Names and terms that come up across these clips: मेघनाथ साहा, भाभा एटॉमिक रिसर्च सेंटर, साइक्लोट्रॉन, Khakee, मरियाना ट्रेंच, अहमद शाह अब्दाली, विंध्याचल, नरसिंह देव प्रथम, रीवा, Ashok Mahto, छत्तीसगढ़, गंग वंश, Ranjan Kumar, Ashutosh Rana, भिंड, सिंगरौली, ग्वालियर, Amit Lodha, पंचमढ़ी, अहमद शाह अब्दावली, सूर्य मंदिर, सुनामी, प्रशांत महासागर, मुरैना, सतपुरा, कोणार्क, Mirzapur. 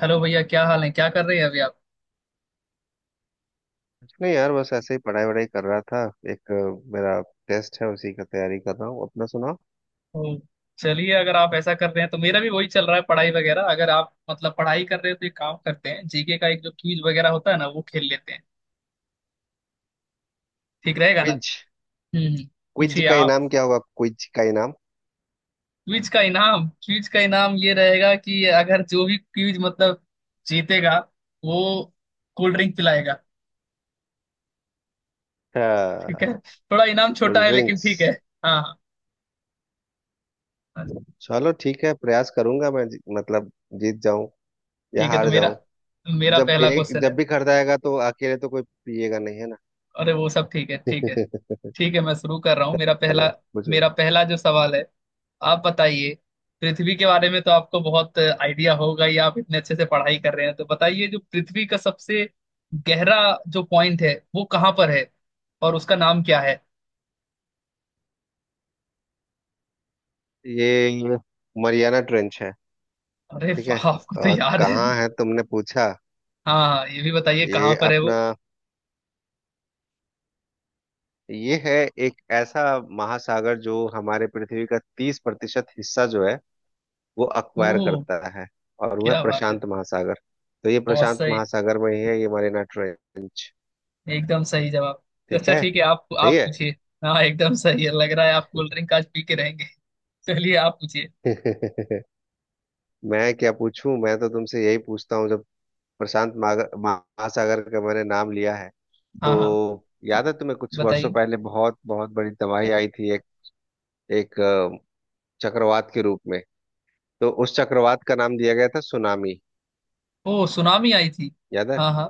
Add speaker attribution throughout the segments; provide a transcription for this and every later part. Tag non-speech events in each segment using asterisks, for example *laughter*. Speaker 1: Hello भैया क्या हाल है। क्या कर रहे हैं अभी आप।
Speaker 2: नहीं यार, बस ऐसे ही पढ़ाई वढ़ाई कर रहा था। एक मेरा टेस्ट है, उसी का तैयारी कर रहा हूँ। अपना सुनाओ।
Speaker 1: ओ, चलिए अगर आप ऐसा कर रहे हैं तो मेरा भी वही चल रहा है पढ़ाई वगैरह। अगर आप मतलब पढ़ाई कर रहे हो तो एक काम करते हैं, जीके का एक जो क्विज वगैरह होता है ना वो खेल लेते हैं। ठीक रहेगा ना।
Speaker 2: क्विज। क्विज
Speaker 1: पूछिए
Speaker 2: का
Speaker 1: आप।
Speaker 2: इनाम क्या होगा? क्विज का इनाम।
Speaker 1: क्विज का इनाम ये रहेगा कि अगर जो भी क्विज मतलब जीतेगा वो कोल्ड ड्रिंक पिलाएगा। ठीक है
Speaker 2: हाँ,
Speaker 1: थोड़ा इनाम छोटा
Speaker 2: कोल्ड
Speaker 1: है लेकिन
Speaker 2: ड्रिंक्स।
Speaker 1: ठीक है। हाँ। हाँ।
Speaker 2: चलो ठीक है, प्रयास करूंगा। मैं मतलब जीत जाऊं या
Speaker 1: ठीक है तो
Speaker 2: हार
Speaker 1: मेरा
Speaker 2: जाऊं।
Speaker 1: मेरा पहला क्वेश्चन है।
Speaker 2: जब भी खरीदाएगा आएगा तो अकेले तो कोई पिएगा नहीं, है ना?
Speaker 1: अरे वो सब ठीक है ठीक है।
Speaker 2: *laughs*
Speaker 1: ठीक है मैं शुरू कर रहा हूँ मेरा
Speaker 2: चलो
Speaker 1: पहला।
Speaker 2: पूछो।
Speaker 1: मेरा पहला जो सवाल है आप बताइए। पृथ्वी के बारे में तो आपको बहुत आइडिया होगा या आप इतने अच्छे से पढ़ाई कर रहे हैं, तो बताइए जो पृथ्वी का सबसे गहरा जो पॉइंट है वो कहाँ पर है और उसका नाम क्या है।
Speaker 2: ये मरियाना ट्रेंच है।
Speaker 1: अरे
Speaker 2: ठीक है।
Speaker 1: वाह आपको तो
Speaker 2: और
Speaker 1: याद है।
Speaker 2: कहाँ है, तुमने पूछा?
Speaker 1: हाँ हाँ, ये भी बताइए कहाँ
Speaker 2: ये
Speaker 1: पर है वो।
Speaker 2: अपना ये है एक ऐसा महासागर जो हमारे पृथ्वी का 30% हिस्सा जो है, वो अक्वायर
Speaker 1: ओह।
Speaker 2: करता है। और वह
Speaker 1: क्या बात है।
Speaker 2: प्रशांत महासागर। तो ये
Speaker 1: बहुत
Speaker 2: प्रशांत
Speaker 1: सही।
Speaker 2: महासागर में ही है, ये मरीना ट्रेंच।
Speaker 1: एकदम सही जवाब।
Speaker 2: ठीक
Speaker 1: अच्छा
Speaker 2: है।
Speaker 1: ठीक है आप
Speaker 2: सही है।
Speaker 1: पूछिए। हाँ एकदम सही है, लग रहा है आप कोल्ड ड्रिंक आज पी के रहेंगे। चलिए आप पूछिए।
Speaker 2: *laughs* मैं क्या पूछूं? मैं तो तुमसे यही पूछता हूँ। जब प्रशांत महासागर का मैंने नाम लिया है, तो
Speaker 1: हाँ हाँ,
Speaker 2: याद है तुम्हें? कुछ वर्षों
Speaker 1: बताइए।
Speaker 2: पहले बहुत बहुत बड़ी तबाही आई थी, एक एक अ, चक्रवात के रूप में। तो उस चक्रवात का नाम दिया गया था सुनामी।
Speaker 1: ओ सुनामी आई थी।
Speaker 2: याद है?
Speaker 1: हाँ हाँ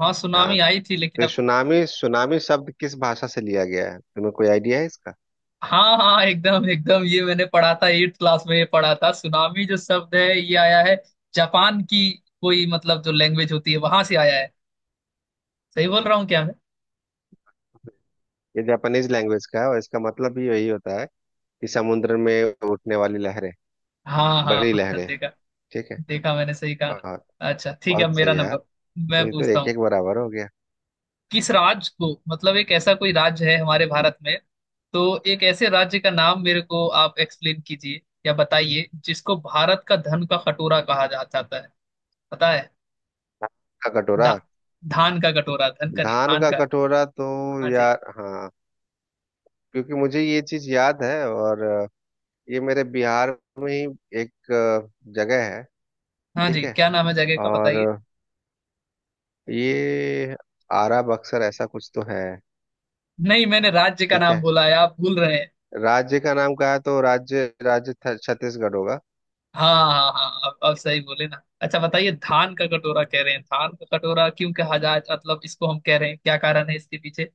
Speaker 1: हाँ,
Speaker 2: हाँ।
Speaker 1: सुनामी आई थी लेकिन
Speaker 2: तो
Speaker 1: अब।
Speaker 2: सुनामी, सुनामी शब्द किस भाषा से लिया गया है? तुम्हें कोई आइडिया है इसका?
Speaker 1: हाँ हाँ एकदम एकदम ये मैंने पढ़ा था एट क्लास में ये पढ़ा था। सुनामी जो शब्द है ये आया है जापान की कोई मतलब जो लैंग्वेज होती है वहां से आया है। सही बोल रहा हूँ क्या मैं।
Speaker 2: ये जापानीज लैंग्वेज का है, और इसका मतलब भी यही होता है कि समुद्र में उठने वाली लहरें,
Speaker 1: हाँ हाँ
Speaker 2: बड़ी
Speaker 1: हाँ
Speaker 2: लहरें।
Speaker 1: देखा।
Speaker 2: ठीक है।
Speaker 1: देखा मैंने सही कहा
Speaker 2: बहुत
Speaker 1: ना। अच्छा ठीक है अब
Speaker 2: बहुत
Speaker 1: मेरा
Speaker 2: सही यार।
Speaker 1: नंबर,
Speaker 2: तो
Speaker 1: मैं
Speaker 2: ये तो
Speaker 1: पूछता
Speaker 2: एक
Speaker 1: हूँ।
Speaker 2: एक बराबर हो गया।
Speaker 1: किस राज्य को मतलब एक ऐसा कोई राज्य है हमारे भारत में तो एक ऐसे राज्य का नाम मेरे को आप एक्सप्लेन कीजिए या बताइए जिसको भारत का धन का कटोरा कहा जा जाता है। पता है।
Speaker 2: धान का
Speaker 1: धा,
Speaker 2: कटोरा।
Speaker 1: धान का कटोरा, धन का नहीं,
Speaker 2: धान
Speaker 1: धान
Speaker 2: का
Speaker 1: का।
Speaker 2: कटोरा तो,
Speaker 1: हाँ जी।
Speaker 2: यार हाँ, क्योंकि मुझे ये चीज याद है, और ये मेरे बिहार में ही एक जगह है।
Speaker 1: हाँ
Speaker 2: ठीक
Speaker 1: जी
Speaker 2: है।
Speaker 1: क्या नाम है जगह का
Speaker 2: और
Speaker 1: बताइए।
Speaker 2: ये आरा बक्सर, ऐसा कुछ तो है।
Speaker 1: नहीं मैंने राज्य का
Speaker 2: ठीक
Speaker 1: नाम
Speaker 2: है।
Speaker 1: बोला है आप भूल रहे हैं।
Speaker 2: राज्य का नाम कहा, तो राज्य राज्य छ- छत्तीसगढ़ होगा।
Speaker 1: हाँ हाँ हाँ अब सही बोले ना। अच्छा बताइए, धान का कटोरा कह रहे हैं, धान का कटोरा क्यों कहा जा मतलब इसको हम कह रहे हैं, क्या कारण है इसके पीछे।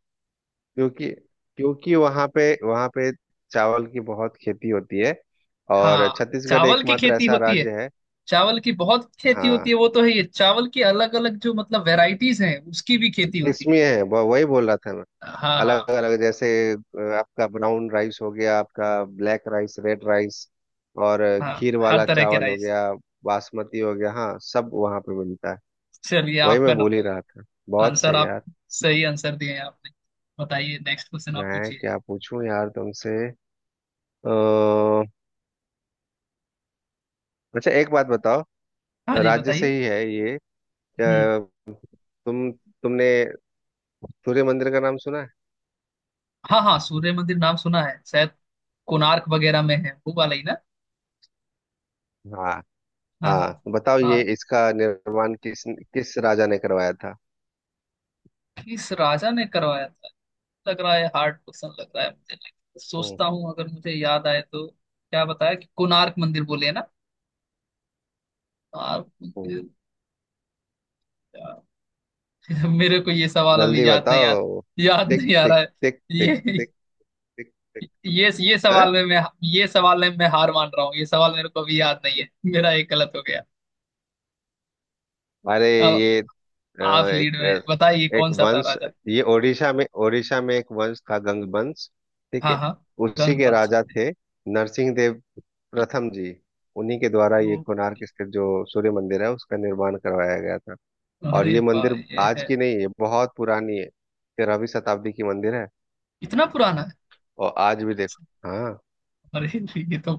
Speaker 2: क्योंकि क्योंकि वहां पे चावल की बहुत खेती होती है, और
Speaker 1: हाँ
Speaker 2: छत्तीसगढ़
Speaker 1: चावल की
Speaker 2: एकमात्र
Speaker 1: खेती
Speaker 2: ऐसा
Speaker 1: होती है,
Speaker 2: राज्य है।
Speaker 1: चावल की बहुत खेती होती है
Speaker 2: हाँ,
Speaker 1: वो तो है, ये चावल की अलग अलग जो मतलब वेराइटीज हैं उसकी भी खेती होती है।
Speaker 2: किस्में हैं, वही बोल रहा था मैं।
Speaker 1: हाँ
Speaker 2: अलग
Speaker 1: हाँ
Speaker 2: अलग, जैसे आपका ब्राउन राइस हो गया, आपका ब्लैक राइस, रेड राइस, और
Speaker 1: हाँ
Speaker 2: खीर
Speaker 1: हर
Speaker 2: वाला
Speaker 1: तरह के
Speaker 2: चावल हो
Speaker 1: राइस।
Speaker 2: गया, बासमती हो गया। हाँ, सब वहां पे मिलता है।
Speaker 1: चलिए
Speaker 2: वही
Speaker 1: आपका
Speaker 2: मैं बोल ही
Speaker 1: नंबर है।
Speaker 2: रहा था। बहुत
Speaker 1: आंसर
Speaker 2: सही
Speaker 1: आप
Speaker 2: यार।
Speaker 1: सही आंसर दिए हैं आपने। बताइए नेक्स्ट क्वेश्चन आप
Speaker 2: मैं
Speaker 1: पूछिए।
Speaker 2: क्या पूछूं यार तुमसे? अ अच्छा, एक बात बताओ।
Speaker 1: हाँ जी
Speaker 2: राज्य से
Speaker 1: बताइए।
Speaker 2: ही है ये। अ,
Speaker 1: हम्म।
Speaker 2: तुम तुमने सूर्य मंदिर का नाम सुना है?
Speaker 1: हाँ हाँ सूर्य मंदिर नाम सुना है शायद, कोणार्क वगैरह में है वो वाला ही ना।
Speaker 2: हाँ
Speaker 1: हाँ हाँ
Speaker 2: हाँ, बताओ, ये
Speaker 1: हाँ।
Speaker 2: इसका निर्माण किस किस राजा ने करवाया था?
Speaker 1: किस राजा ने करवाया था। लग रहा है हार्ड क्वेश्चन लग रहा है मुझे, लेकिन
Speaker 2: हम्म,
Speaker 1: सोचता हूँ अगर मुझे याद आए तो। क्या बताया कि कोणार्क मंदिर बोले है ना। कोणार्क
Speaker 2: हम्म।
Speaker 1: मंदिर। यार, *laughs* मेरे को ये सवाल
Speaker 2: जल्दी
Speaker 1: अभी याद नहीं यार।
Speaker 2: बताओ।
Speaker 1: याद
Speaker 2: टिक
Speaker 1: नहीं आ रहा
Speaker 2: टिक
Speaker 1: है।
Speaker 2: टिक टिक
Speaker 1: ये
Speaker 2: टिक टिक टिक।
Speaker 1: ये ये
Speaker 2: हाँ?
Speaker 1: सवाल में मैं, ये सवाल में मैं हार मान रहा हूँ, ये सवाल मेरे को अभी याद नहीं है। *laughs* मेरा एक गलत हो गया।
Speaker 2: अरे,
Speaker 1: अब
Speaker 2: ये अ,
Speaker 1: आप लीड
Speaker 2: एक
Speaker 1: में बताइए
Speaker 2: अ, एक
Speaker 1: कौन सा था
Speaker 2: वंश,
Speaker 1: राजा।
Speaker 2: ये ओडिशा में एक वंश था, गंग वंश। ठीक
Speaker 1: हाँ
Speaker 2: है।
Speaker 1: हाँ।
Speaker 2: उसी
Speaker 1: गंग
Speaker 2: के
Speaker 1: वंश।
Speaker 2: राजा थे नरसिंह देव प्रथम जी। उन्हीं के द्वारा ये
Speaker 1: ओ।
Speaker 2: कोणार्क स्थित जो सूर्य मंदिर है उसका निर्माण करवाया गया था। और
Speaker 1: अरे
Speaker 2: ये मंदिर
Speaker 1: भाई ये
Speaker 2: आज
Speaker 1: है।
Speaker 2: की नहीं है, बहुत पुरानी है, 13वीं शताब्दी की मंदिर है।
Speaker 1: इतना पुराना है।
Speaker 2: और आज भी देखो। हाँ,
Speaker 1: अरे ये तो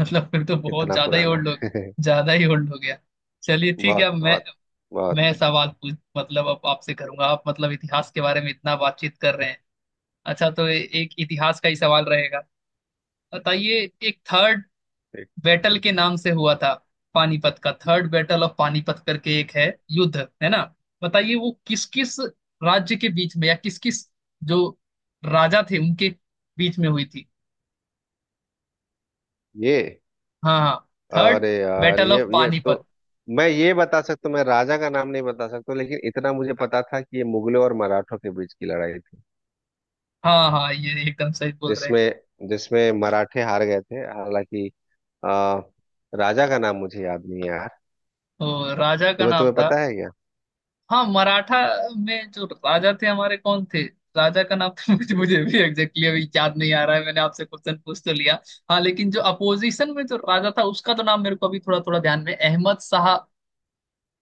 Speaker 1: मतलब फिर तो बहुत
Speaker 2: इतना
Speaker 1: ज्यादा ही
Speaker 2: पुराना
Speaker 1: ओल्ड हो,
Speaker 2: है।
Speaker 1: ज्यादा ही ओल्ड हो गया। चलिए
Speaker 2: *laughs*
Speaker 1: ठीक है
Speaker 2: बहुत
Speaker 1: अब मैं
Speaker 2: बहुत बहुत।
Speaker 1: मैं सवाल पूछ मतलब अब आपसे करूंगा। आप मतलब इतिहास के बारे में इतना बातचीत कर रहे हैं, अच्छा तो एक इतिहास का ही सवाल रहेगा। बताइए, एक थर्ड
Speaker 2: ठीक।
Speaker 1: बैटल के नाम से हुआ था, पानीपत का, थर्ड बैटल ऑफ पानीपत करके एक है युद्ध है ना। बताइए वो किस किस राज्य के बीच में या किस किस जो राजा थे उनके बीच में हुई थी।
Speaker 2: ये,
Speaker 1: हाँ हाँ। थर्ड
Speaker 2: अरे यार,
Speaker 1: बैटल
Speaker 2: ये
Speaker 1: ऑफ
Speaker 2: ये तो
Speaker 1: पानीपत।
Speaker 2: मैं ये बता सकता हूँ, मैं राजा का नाम नहीं बता सकता, लेकिन इतना मुझे पता था कि ये मुगलों और मराठों के बीच की लड़ाई थी।
Speaker 1: हाँ हाँ ये एकदम सही बोल रहे हैं।
Speaker 2: जिसमें जिसमें मराठे हार गए थे। हालांकि अ, राजा का नाम मुझे याद नहीं है।
Speaker 1: तो राजा का
Speaker 2: तुम्हें
Speaker 1: नाम
Speaker 2: तुम्हें
Speaker 1: था।
Speaker 2: पता है क्या?
Speaker 1: हाँ मराठा में जो राजा थे हमारे कौन थे। राजा का नाम तो मुझे मुझे भी एग्जैक्टली अभी याद नहीं आ रहा है, मैंने आपसे क्वेश्चन पूछ तो लिया। हाँ लेकिन जो अपोजिशन में जो राजा था उसका तो नाम मेरे को अभी थोड़ा थोड़ा ध्यान में, अहमद शाह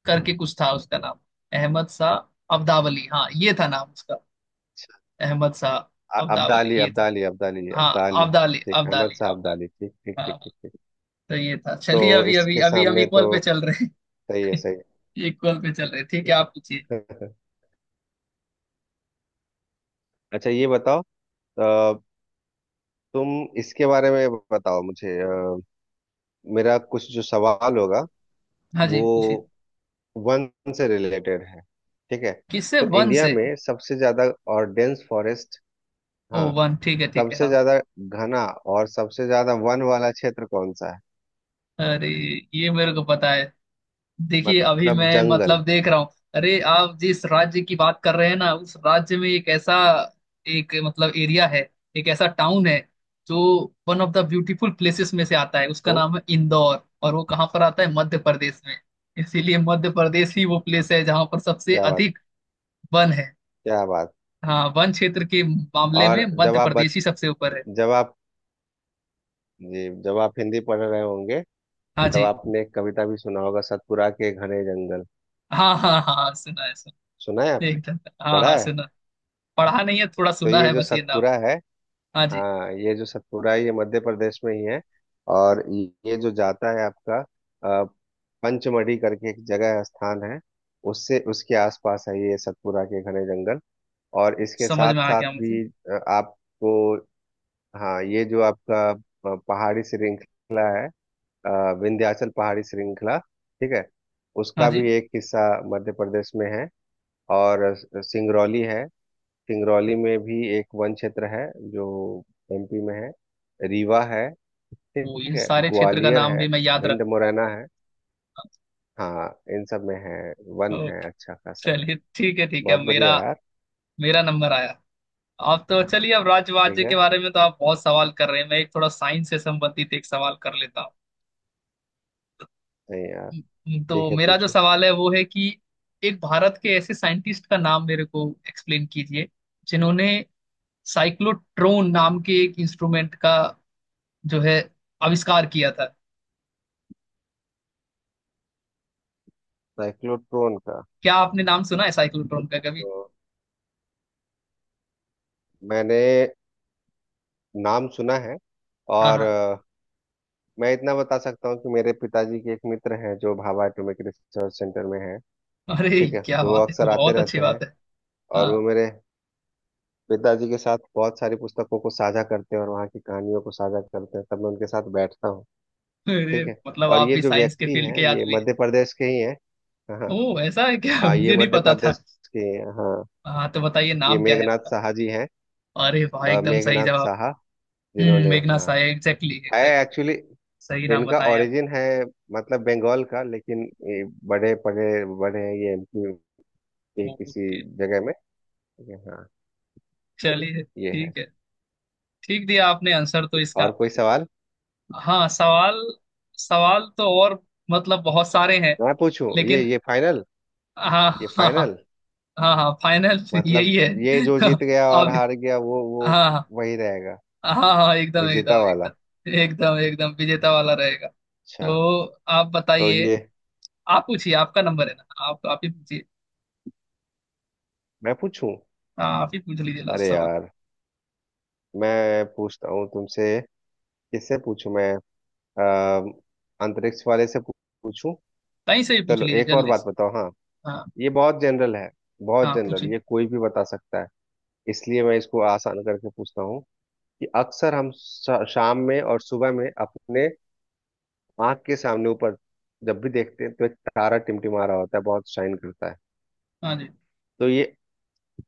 Speaker 1: करके कुछ था उसका नाम। अहमद शाह अब्दावली, हाँ ये था नाम उसका। अहमद शाह अब्दावली
Speaker 2: अब्दाली,
Speaker 1: ये था।
Speaker 2: अब्दाली, अब्दाली,
Speaker 1: हाँ
Speaker 2: अब्दाली।
Speaker 1: अब्दाली
Speaker 2: ठीक, अहमद
Speaker 1: अब्दाली
Speaker 2: शाह
Speaker 1: अब्दाली।
Speaker 2: अब्दाली। ठीक, ठीक,
Speaker 1: हाँ
Speaker 2: ठीक,
Speaker 1: हाँ,
Speaker 2: ठीक, ठीक।
Speaker 1: तो ये था।
Speaker 2: तो
Speaker 1: चलिए अभी अभी
Speaker 2: इसके
Speaker 1: अभी हम
Speaker 2: सामने तो
Speaker 1: इक्वल पे चल रहे
Speaker 2: सही है,
Speaker 1: हैं।
Speaker 2: सही
Speaker 1: *laughs* इक्वल पे चल रहे हैं, ठीक है आप पूछिए।
Speaker 2: है। *laughs* अच्छा, ये बताओ। अ, तुम इसके बारे में बताओ मुझे। मेरा कुछ जो सवाल होगा,
Speaker 1: हाँ जी
Speaker 2: वो
Speaker 1: पूछिए।
Speaker 2: वन से रिलेटेड है। ठीक है।
Speaker 1: किससे,
Speaker 2: तो
Speaker 1: वन
Speaker 2: इंडिया
Speaker 1: से।
Speaker 2: में सबसे ज्यादा और डेंस फॉरेस्ट,
Speaker 1: ओ
Speaker 2: हाँ,
Speaker 1: वन, ठीक है
Speaker 2: सबसे
Speaker 1: हाँ।
Speaker 2: ज्यादा घना और सबसे ज्यादा वन वाला क्षेत्र कौन सा है?
Speaker 1: अरे ये मेरे को पता है। देखिए अभी
Speaker 2: मतलब
Speaker 1: मैं
Speaker 2: जंगल।
Speaker 1: मतलब देख रहा हूँ। अरे आप जिस राज्य की बात कर रहे हैं ना उस राज्य में एक ऐसा एक मतलब एरिया है, एक ऐसा टाउन है जो one of the beautiful places में से आता है, उसका
Speaker 2: हम्म।
Speaker 1: नाम है इंदौर, और वो कहाँ पर आता है मध्य प्रदेश में। इसीलिए मध्य प्रदेश ही वो प्लेस है जहाँ पर सबसे
Speaker 2: क्या बात,
Speaker 1: अधिक वन है।
Speaker 2: क्या बात।
Speaker 1: हाँ वन क्षेत्र के मामले में
Speaker 2: और जब
Speaker 1: मध्य
Speaker 2: आप बच
Speaker 1: प्रदेश ही सबसे ऊपर है।
Speaker 2: जब आप जी जब आप हिंदी पढ़ रहे होंगे,
Speaker 1: हाँ
Speaker 2: तब
Speaker 1: जी।
Speaker 2: आपने एक कविता भी सुना होगा, सतपुरा के घने जंगल।
Speaker 1: हाँ हाँ हाँ सुना है सुना।
Speaker 2: सुना है आपने?
Speaker 1: एकदम। हाँ हाँ
Speaker 2: पढ़ा है?
Speaker 1: सुना। पढ़ा नहीं है, थोड़ा
Speaker 2: तो
Speaker 1: सुना
Speaker 2: ये
Speaker 1: है
Speaker 2: जो
Speaker 1: बस ये नाम।
Speaker 2: सतपुरा है,
Speaker 1: हाँ जी।
Speaker 2: हाँ, ये जो सतपुरा है, ये मध्य प्रदेश में ही है। और ये जो जाता है आपका अ, पंचमढ़ी करके एक जगह है, स्थान है, उससे, उसके आसपास है ये सतपुरा के घने जंगल। और इसके
Speaker 1: समझ
Speaker 2: साथ
Speaker 1: में आ
Speaker 2: साथ
Speaker 1: गया मुझे।
Speaker 2: भी आपको, हाँ, ये जो आपका पहाड़ी श्रृंखला है, अ, विंध्याचल पहाड़ी श्रृंखला, ठीक है,
Speaker 1: हाँ
Speaker 2: उसका
Speaker 1: जी।
Speaker 2: भी एक हिस्सा मध्य प्रदेश में है। और सिंगरौली है, सिंगरौली में भी एक वन क्षेत्र है जो एमपी में है। रीवा है, ठीक
Speaker 1: वो इन
Speaker 2: है,
Speaker 1: सारे क्षेत्र का
Speaker 2: ग्वालियर
Speaker 1: नाम
Speaker 2: है,
Speaker 1: भी मैं याद
Speaker 2: भिंड
Speaker 1: रखूंगा।
Speaker 2: मुरैना है। हाँ, इन सब में है, वन है
Speaker 1: ओके।
Speaker 2: अच्छा खासा है।
Speaker 1: चलिए ठीक है
Speaker 2: बहुत
Speaker 1: मेरा,
Speaker 2: बढ़िया यार।
Speaker 1: मेरा नंबर आया। आप तो चलिए अब
Speaker 2: ठीक
Speaker 1: राज्य के
Speaker 2: है।
Speaker 1: बारे में तो आप बहुत सवाल कर रहे हैं, मैं एक थोड़ा साइंस से संबंधित एक सवाल कर लेता हूँ।
Speaker 2: नहीं यार।
Speaker 1: तो
Speaker 2: ठीक है,
Speaker 1: मेरा जो
Speaker 2: पूछो।
Speaker 1: सवाल है वो है कि एक भारत के ऐसे साइंटिस्ट का नाम मेरे को एक्सप्लेन कीजिए जिन्होंने साइक्लोट्रॉन नाम के एक इंस्ट्रूमेंट का जो है आविष्कार किया था।
Speaker 2: साइक्लोट्रॉन का?
Speaker 1: क्या आपने नाम सुना है साइक्लोट्रॉन का कभी।
Speaker 2: तो मैंने नाम सुना है,
Speaker 1: हाँ
Speaker 2: और
Speaker 1: हाँ।
Speaker 2: मैं इतना बता सकता हूँ कि मेरे पिताजी के एक मित्र हैं जो भाभा एटॉमिक रिसर्च सेंटर में हैं।
Speaker 1: अरे
Speaker 2: ठीक है,
Speaker 1: क्या
Speaker 2: तो वो
Speaker 1: बात है तो,
Speaker 2: अक्सर आते
Speaker 1: बहुत अच्छी
Speaker 2: रहते हैं।
Speaker 1: बात है।
Speaker 2: और वो
Speaker 1: हाँ।
Speaker 2: मेरे पिताजी के साथ बहुत सारी पुस्तकों को साझा करते हैं, और वहाँ की कहानियों को साझा करते हैं, तब मैं उनके साथ बैठता हूँ।
Speaker 1: अरे
Speaker 2: ठीक है।
Speaker 1: मतलब
Speaker 2: और
Speaker 1: आप
Speaker 2: ये
Speaker 1: भी
Speaker 2: जो
Speaker 1: साइंस के
Speaker 2: व्यक्ति
Speaker 1: फील्ड
Speaker 2: हैं,
Speaker 1: के
Speaker 2: ये
Speaker 1: आदमी हैं।
Speaker 2: मध्य प्रदेश के ही हैं। हाँ हाँ,
Speaker 1: ओह ऐसा है क्या,
Speaker 2: हाँ, ये
Speaker 1: मुझे नहीं
Speaker 2: मध्य
Speaker 1: पता था।
Speaker 2: प्रदेश के ही हैं, हाँ।
Speaker 1: हाँ तो बताइए
Speaker 2: ये
Speaker 1: नाम क्या है
Speaker 2: मेघनाथ
Speaker 1: उनका।
Speaker 2: साहा जी हैं।
Speaker 1: अरे वाह एकदम सही
Speaker 2: मेघनाथ
Speaker 1: जवाब।
Speaker 2: साहा, जिन्होंने,
Speaker 1: मेघना
Speaker 2: हाँ,
Speaker 1: साय, एग्जैक्टली
Speaker 2: है
Speaker 1: एग्जैक्टली
Speaker 2: एक्चुअली। तो
Speaker 1: सही नाम
Speaker 2: इनका
Speaker 1: बताएं आप।
Speaker 2: ओरिजिन है मतलब बंगाल का, लेकिन ये बड़े पड़े बड़े हैं ये एमपी के
Speaker 1: ओ,
Speaker 2: किसी
Speaker 1: ओके।
Speaker 2: जगह में। ये, हाँ,
Speaker 1: चलिए
Speaker 2: ये है।
Speaker 1: ठीक है, ठीक दिया आपने आंसर तो इसका।
Speaker 2: और कोई सवाल
Speaker 1: हाँ सवाल, सवाल तो और मतलब बहुत सारे हैं
Speaker 2: मैं पूछूं? ये
Speaker 1: लेकिन।
Speaker 2: ये फाइनल,
Speaker 1: हाँ
Speaker 2: ये
Speaker 1: *laughs* हाँ।
Speaker 2: फाइनल
Speaker 1: हाँ हाँ फाइनल
Speaker 2: मतलब
Speaker 1: यही है।
Speaker 2: ये जो जीत
Speaker 1: *laughs*
Speaker 2: गया और
Speaker 1: अब,
Speaker 2: हार गया, वो
Speaker 1: हाँ हाँ।
Speaker 2: वही रहेगा,
Speaker 1: हाँ हाँ एकदम
Speaker 2: विजेता
Speaker 1: एकदम
Speaker 2: वाला।
Speaker 1: एकदम एकदम एकदम विजेता वाला रहेगा।
Speaker 2: अच्छा,
Speaker 1: तो आप
Speaker 2: तो
Speaker 1: बताइए।
Speaker 2: ये
Speaker 1: आप पूछिए आपका नंबर है ना, आप ही पूछिए।
Speaker 2: मैं पूछूं?
Speaker 1: हाँ आप ही पूछ लीजिए लास्ट
Speaker 2: अरे
Speaker 1: सवाल।
Speaker 2: यार, मैं पूछता हूँ तुमसे, किससे पूछूं मैं? अ, अंतरिक्ष वाले से पूछूं?
Speaker 1: कहीं से ही पूछ
Speaker 2: चलो,
Speaker 1: लीजिए
Speaker 2: एक और
Speaker 1: जल्दी
Speaker 2: बात
Speaker 1: से।
Speaker 2: बताओ। हाँ,
Speaker 1: हाँ
Speaker 2: ये बहुत जनरल है, बहुत
Speaker 1: हाँ
Speaker 2: जनरल,
Speaker 1: पूछिए।
Speaker 2: ये कोई भी बता सकता है। इसलिए मैं इसको आसान करके पूछता हूँ, कि अक्सर हम शाम में और सुबह में अपने आंख के सामने ऊपर जब भी देखते हैं, तो एक तारा टिमटिमा रहा होता है, बहुत शाइन करता है।
Speaker 1: हाँ जी।
Speaker 2: तो ये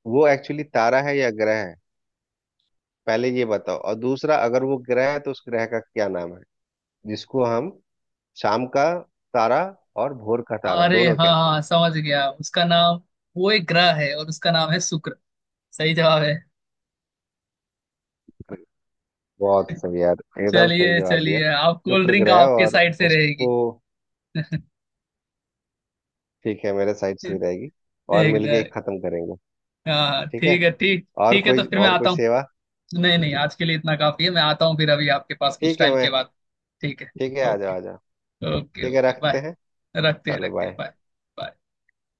Speaker 2: वो एक्चुअली तारा है या ग्रह है? पहले ये बताओ, और दूसरा, अगर वो ग्रह है तो उस ग्रह का क्या नाम है जिसको हम शाम का तारा और भोर का तारा,
Speaker 1: अरे
Speaker 2: दोनों
Speaker 1: हाँ
Speaker 2: कहते हैं?
Speaker 1: हाँ समझ गया उसका नाम। वो एक ग्रह है और उसका नाम है शुक्र। सही जवाब है।
Speaker 2: बहुत सही यार, एकदम सही
Speaker 1: चलिए
Speaker 2: जवाब दिया।
Speaker 1: चलिए आप कोल्ड
Speaker 2: शुक्र
Speaker 1: ड्रिंक
Speaker 2: ग्रह,
Speaker 1: आपके
Speaker 2: और
Speaker 1: साइड से
Speaker 2: उसको,
Speaker 1: रहेगी।
Speaker 2: ठीक है, मेरे साइड से ही
Speaker 1: *laughs*
Speaker 2: रहेगी। और मिलके
Speaker 1: एकदम।
Speaker 2: एक खत्म करेंगे।
Speaker 1: हाँ
Speaker 2: ठीक
Speaker 1: ठीक
Speaker 2: है,
Speaker 1: है ठीक
Speaker 2: और
Speaker 1: ठीक है, तो
Speaker 2: कोई,
Speaker 1: फिर मैं
Speaker 2: और कोई
Speaker 1: आता हूँ।
Speaker 2: सेवा?
Speaker 1: नहीं नहीं आज के लिए इतना काफी है, मैं आता हूँ फिर अभी आपके पास कुछ
Speaker 2: ठीक है,
Speaker 1: टाइम
Speaker 2: मैं,
Speaker 1: के बाद। ठीक है।
Speaker 2: ठीक है, आ
Speaker 1: ओके
Speaker 2: जाओ आ जाओ।
Speaker 1: ओके,
Speaker 2: ठीक है,
Speaker 1: ओके
Speaker 2: रखते
Speaker 1: बाय।
Speaker 2: हैं। चलो
Speaker 1: रखते हैं
Speaker 2: बाय।
Speaker 1: बाय।